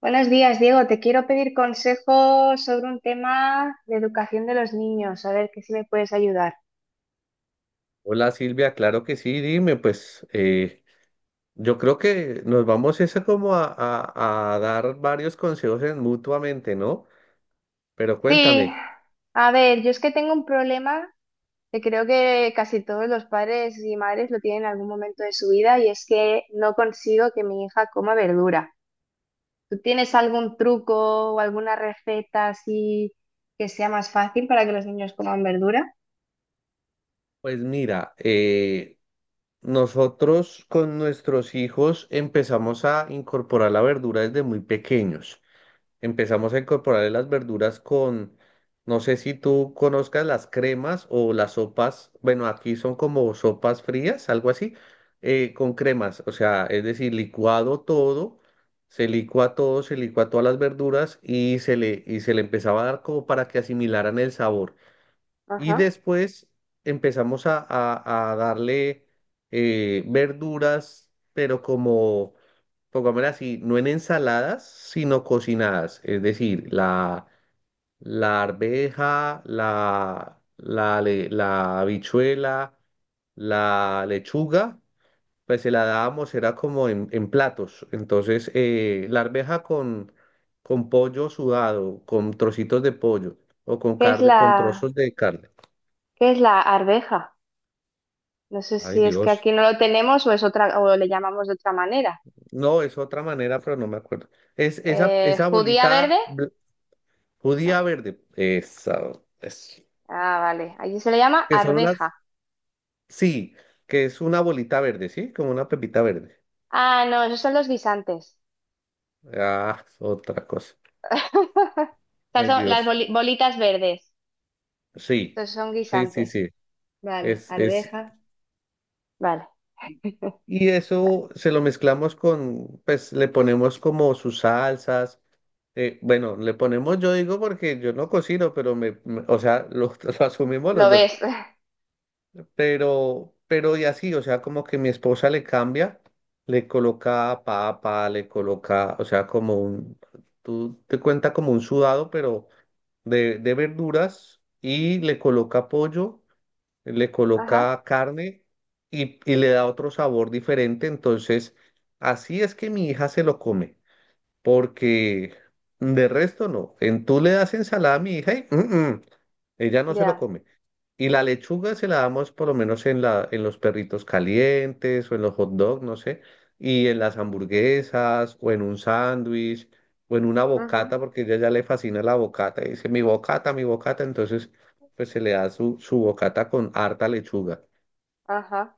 Buenos días, Diego. Te quiero pedir consejo sobre un tema de educación de los niños. A ver, que si me puedes ayudar. Hola Silvia, claro que sí, dime, pues yo creo que nos vamos ese como a dar varios consejos mutuamente, ¿no? Pero Sí, cuéntame, a ver, yo es que tengo un problema que creo que casi todos los padres y madres lo tienen en algún momento de su vida y es que no consigo que mi hija coma verdura. ¿Tú tienes algún truco o alguna receta así que sea más fácil para que los niños coman verdura? pues mira, nosotros con nuestros hijos empezamos a incorporar la verdura desde muy pequeños. Empezamos a incorporarle las verduras con, no sé si tú conozcas las cremas o las sopas, bueno, aquí son como sopas frías, algo así, con cremas, o sea, es decir, licuado todo, se licua todas las verduras y se le empezaba a dar como para que asimilaran el sabor. Y Ajá. después empezamos a darle verduras, pero como pongámosla así, no en ensaladas, sino cocinadas. Es decir, la arveja, la habichuela, la lechuga, pues se la dábamos, era como en platos. Entonces, la arveja con pollo sudado, con trocitos de pollo o con ¿Qué es carne, con trozos de carne. qué es la arveja? No sé Ay, si es que Dios. aquí no lo tenemos o es otra, o le llamamos de otra manera. No, es otra manera, pero no me acuerdo. Es esa, esa ¿Judía verde? bolita judía No. verde. Esa. es- Ah, vale. Allí se le llama Que son unas, arveja. sí, que es una bolita verde, ¿sí? Como una pepita verde. Ah, no, esos son los guisantes. Ah, es otra cosa. Estas Ay, son las Dios. Bolitas verdes. Sí, Estos son sí, sí, guisantes. sí. Vale, Es, es. arveja. Vale. Y y eso se lo mezclamos con, pues le ponemos como sus salsas. Bueno, le ponemos, yo digo porque yo no cocino, pero o sea, lo, lo asumimos Lo los dos. ves. Pero y así, o sea, como que mi esposa le cambia, le coloca papa, le coloca, o sea, como un, tú te cuenta como un sudado, pero de verduras y le coloca pollo, le Ajá, coloca carne y le da otro sabor diferente. Entonces, así es que mi hija se lo come, porque de resto no. Tú le das ensalada a mi hija y... "Mm, mm". Ella no se lo ya. come. Y la lechuga se la damos por lo menos en los perritos calientes o en los hot dogs, no sé, y en las hamburguesas o en un sándwich o en una Ujú, bocata, porque ella ya le fascina la bocata y dice, mi bocata, entonces pues se le da su, su bocata con harta lechuga. ajá.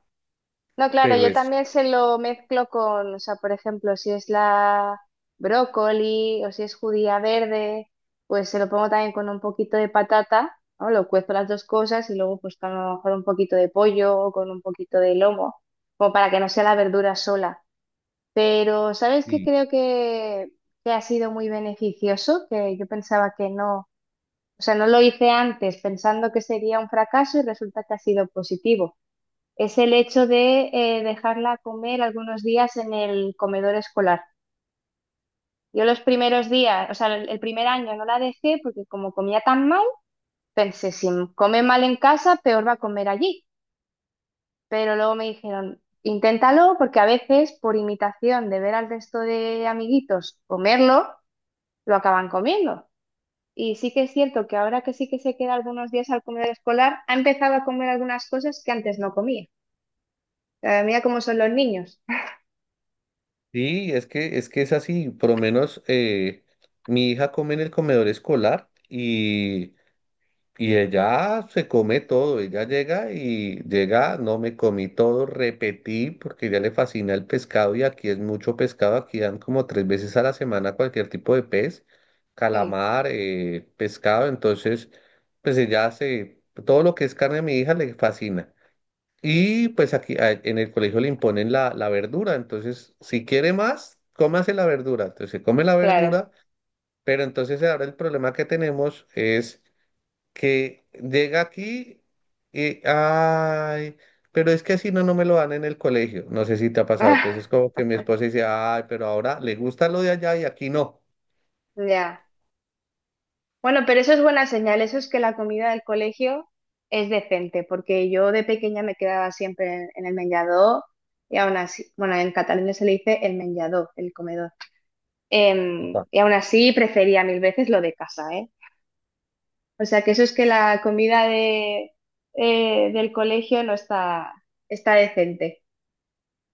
No, claro, Pero yo es, también se lo mezclo con, o sea, por ejemplo, si es la brócoli o si es judía verde, pues se lo pongo también con un poquito de patata, ¿no? Lo cuezo las dos cosas y luego pues con a lo mejor un poquito de pollo o con un poquito de lomo, como para que no sea la verdura sola. Pero, ¿sabes qué sí, creo que ha sido muy beneficioso? Que yo pensaba que no, o sea, no lo hice antes pensando que sería un fracaso y resulta que ha sido positivo es el hecho de dejarla comer algunos días en el comedor escolar. Yo los primeros días, o sea, el primer año no la dejé porque como comía tan mal, pensé, si come mal en casa, peor va a comer allí. Pero luego me dijeron, inténtalo porque a veces por imitación de ver al resto de amiguitos comerlo, lo acaban comiendo. Y sí que es cierto que ahora que sí que se queda algunos días al comedor escolar, ha empezado a comer algunas cosas que antes no comía. Mira cómo son los niños. sí, es que, es así, por lo menos mi hija come en el comedor escolar. Y ella se come todo, ella llega y llega, no me comí todo, repetí, porque ya le fascina el pescado y aquí es mucho pescado, aquí dan como tres veces a la semana cualquier tipo de pez, Sí, calamar, pescado. Entonces, pues ella hace todo lo que es carne a mi hija le fascina. Y pues aquí en el colegio le imponen la verdura, entonces si quiere más, cómase la verdura, entonces se come la claro. verdura, pero entonces ahora el problema que tenemos es que llega aquí y, ay, pero es que así no, no me lo dan en el colegio. No sé si te ha pasado. Entonces, Ah, como que mi esposa dice, ay, pero ahora le gusta lo de allá y aquí no. ya. Bueno, pero eso es buena señal. Eso es que la comida del colegio es decente, porque yo de pequeña me quedaba siempre en el menjador y aún así, bueno, en Cataluña se le dice el menjador, el comedor. Upa. Y aún así prefería mil veces lo de casa, ¿eh? O sea que eso es que la comida de, del colegio no está, está decente.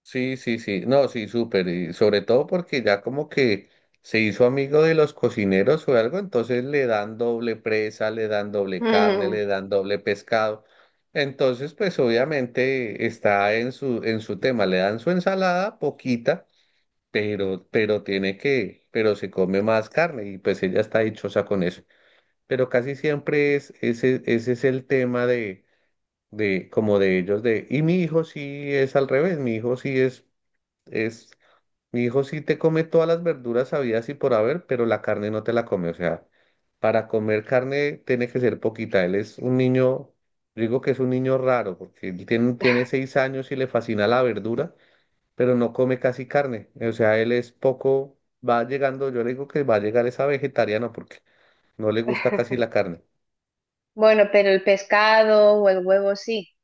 Sí, sí, sí. No, sí, súper. Y sobre todo porque ya como que se hizo amigo de los cocineros o algo, entonces le dan doble presa, le dan doble carne, Mm. le dan doble pescado. Entonces, pues obviamente está en su tema, le dan su ensalada poquita, pero tiene que, pero se come más carne y pues ella está dichosa con eso. Pero casi siempre es, ese es el tema de, como de ellos, de, y mi hijo sí es al revés, es, mi hijo sí te come todas las verduras habidas y por haber, pero la carne no te la come, o sea, para comer carne tiene que ser poquita, él es un niño, digo que es un niño raro, porque él tiene 6 años y le fascina la verdura, pero no come casi carne. O sea, él es poco, va llegando, yo le digo que va a llegar esa vegetariano porque no le gusta casi la carne. Bueno, pero el pescado o el huevo sí,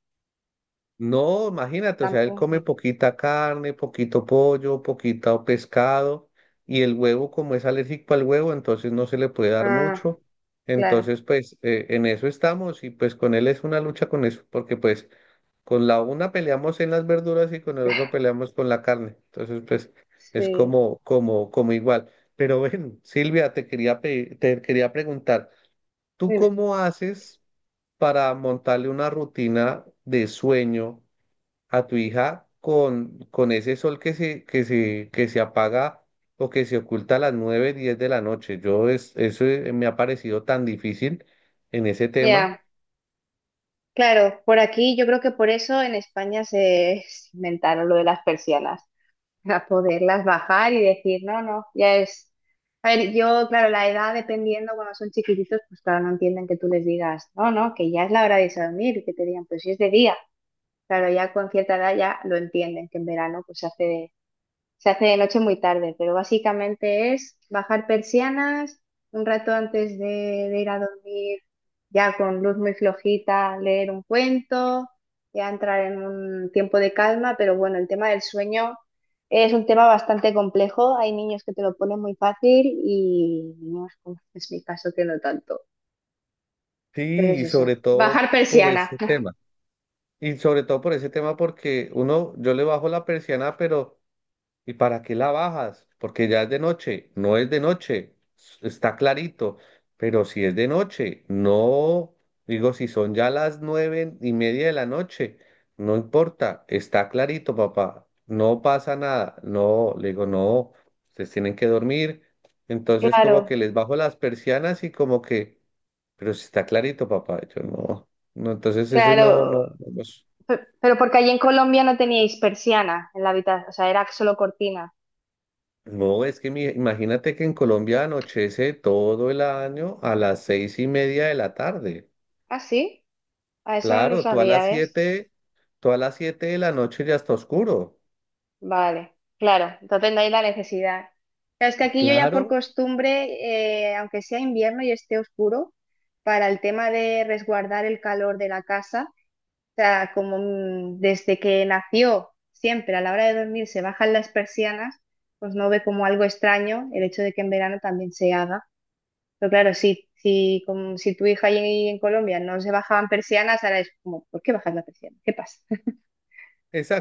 No, imagínate, o sea, él come tampoco. poquita carne, poquito pollo, poquito pescado, y el huevo, como es alérgico al huevo, entonces no se le puede dar Ah, mucho. claro, Entonces, pues en eso estamos y pues con él es una lucha con eso, porque pues con la una peleamos en las verduras y con el otro peleamos con la carne. Entonces, pues es sí. como, como, como igual. Pero ven, Silvia, te quería te quería preguntar, ¿tú cómo haces para montarle una rutina de sueño a tu hija con ese sol que se, que se, que se apaga o que se oculta a las 9 10 de la noche? Eso me ha parecido tan difícil en ese tema. Ya, claro, por aquí yo creo que por eso en España se inventaron lo de las persianas, para poderlas bajar y decir, no, no, ya es… A ver, yo, claro, la edad dependiendo, cuando son chiquititos, pues claro, no entienden que tú les digas, no, no, que ya es la hora de irse a dormir, y que te digan, pues si es de día. Claro, ya con cierta edad ya lo entienden, que en verano pues se hace de noche muy tarde, pero básicamente es bajar persianas un rato antes de ir a dormir, ya con luz muy flojita, leer un cuento, ya entrar en un tiempo de calma, pero bueno, el tema del sueño es un tema bastante complejo. Hay niños que te lo ponen muy fácil y niños, como es mi caso, que no tanto. Pero Sí, es y eso, sobre todo bajar por persiana. ese tema. Y sobre todo por ese tema, porque uno, yo le bajo la persiana, pero ¿y para qué la bajas? Porque ya es de noche, no es de noche, está clarito, pero si es de noche, no, digo, si son ya las 9:30 de la noche, no importa, está clarito, papá, no pasa nada, no, le digo, no, ustedes tienen que dormir, entonces como Claro, que les bajo las persianas y como que, pero si está clarito, papá, yo no, no, entonces ese no, claro. no, no. Pero porque allí en Colombia no teníais persiana en la habitación, o sea, era solo cortina. No, es que imagínate que en Colombia anochece todo el año a las 6:30 de la tarde. Ah, sí, a eso no lo Claro, sabía, ¿ves? Tú a las siete de la noche ya está oscuro. Vale, claro, entonces no hay la necesidad. Claro, es que aquí yo ya por Claro, costumbre, aunque sea invierno y esté oscuro, para el tema de resguardar el calor de la casa, o sea, como desde que nació, siempre a la hora de dormir se bajan las persianas, pues no ve como algo extraño el hecho de que en verano también se haga. Pero claro, sí. Si, como, si tu hija ahí en Colombia no se bajaban persianas, ahora es como, ¿por qué bajas la persiana? ¿Qué pasa?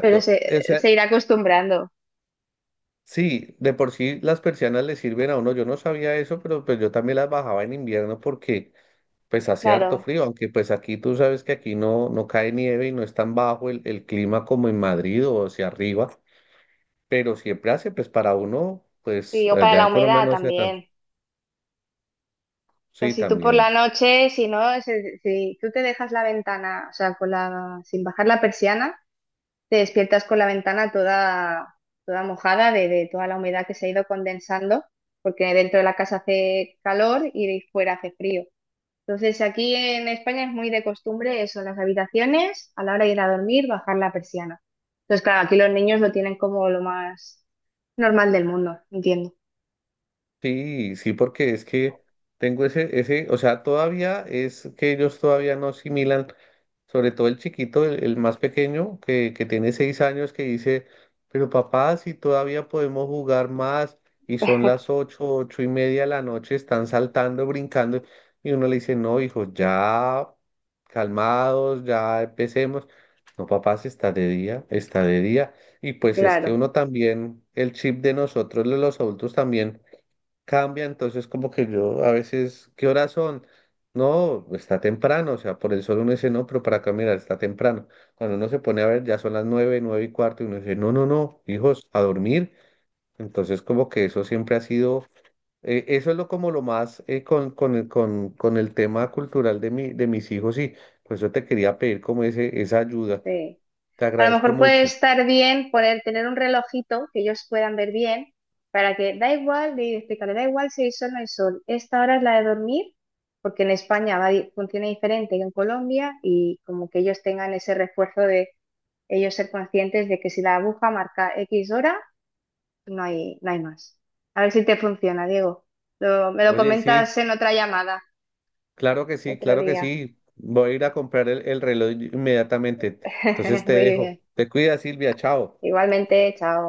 Pero O se, sea, se irá acostumbrando. sí, de por sí las persianas le sirven a uno. Yo no sabía eso, pero pues yo también las bajaba en invierno porque pues hace harto Claro, frío, aunque pues aquí tú sabes que aquí no, no cae nieve y no es tan bajo el clima como en Madrid o hacia arriba. Pero siempre hace, pues para uno, pues sí, o para allá la en Colombia humedad no hace tanto. también. O sea, Sí, si tú por la también. noche, si no, si, tú te dejas la ventana, o sea, con la, sin bajar la persiana, te despiertas con la ventana toda, toda mojada de toda la humedad que se ha ido condensando, porque dentro de la casa hace calor y de fuera hace frío. Entonces, aquí en España es muy de costumbre eso, en las habitaciones, a la hora de ir a dormir, bajar la persiana. Entonces, claro, aquí los niños lo tienen como lo más normal del mundo, entiendo. Sí, sí, porque es que tengo o sea, todavía es que ellos todavía no asimilan, sobre todo el chiquito, el más pequeño, que tiene 6 años, que dice, pero papá, si todavía podemos jugar más, y son las 8, 8:30 de la noche, están saltando, brincando, y uno le dice, no, hijo, ya calmados, ya empecemos. No, papá, si está de día, está de día. Y pues es que Claro, uno también, el chip de nosotros, de los adultos también cambia, entonces como que yo a veces, ¿qué horas son? No, está temprano, o sea, por el sol uno dice, no, pero para caminar está temprano. Cuando uno se pone a ver, ya son las 9, 9:15, y uno dice, no, no, no, hijos, a dormir. Entonces como que eso siempre ha sido, eso es lo como lo más con el tema cultural de mis hijos, y por eso te quería pedir como esa ayuda. sí. Te A lo agradezco mejor puede mucho. estar bien poner, tener un relojito que ellos puedan ver bien, para que da igual, de explicarle, da igual si hay sol o no hay sol. Esta hora es la de dormir, porque en España va, funciona diferente que en Colombia, y como que ellos tengan ese refuerzo de ellos ser conscientes de que si la aguja marca X hora, no hay, no hay más. A ver si te funciona, Diego. Me lo Oye, sí. comentas en otra llamada, Claro que sí, otro claro que día. sí. Voy a ir a comprar el reloj inmediatamente. Entonces te Muy dejo. bien. Te cuida, Silvia. Chao. Igualmente, chao.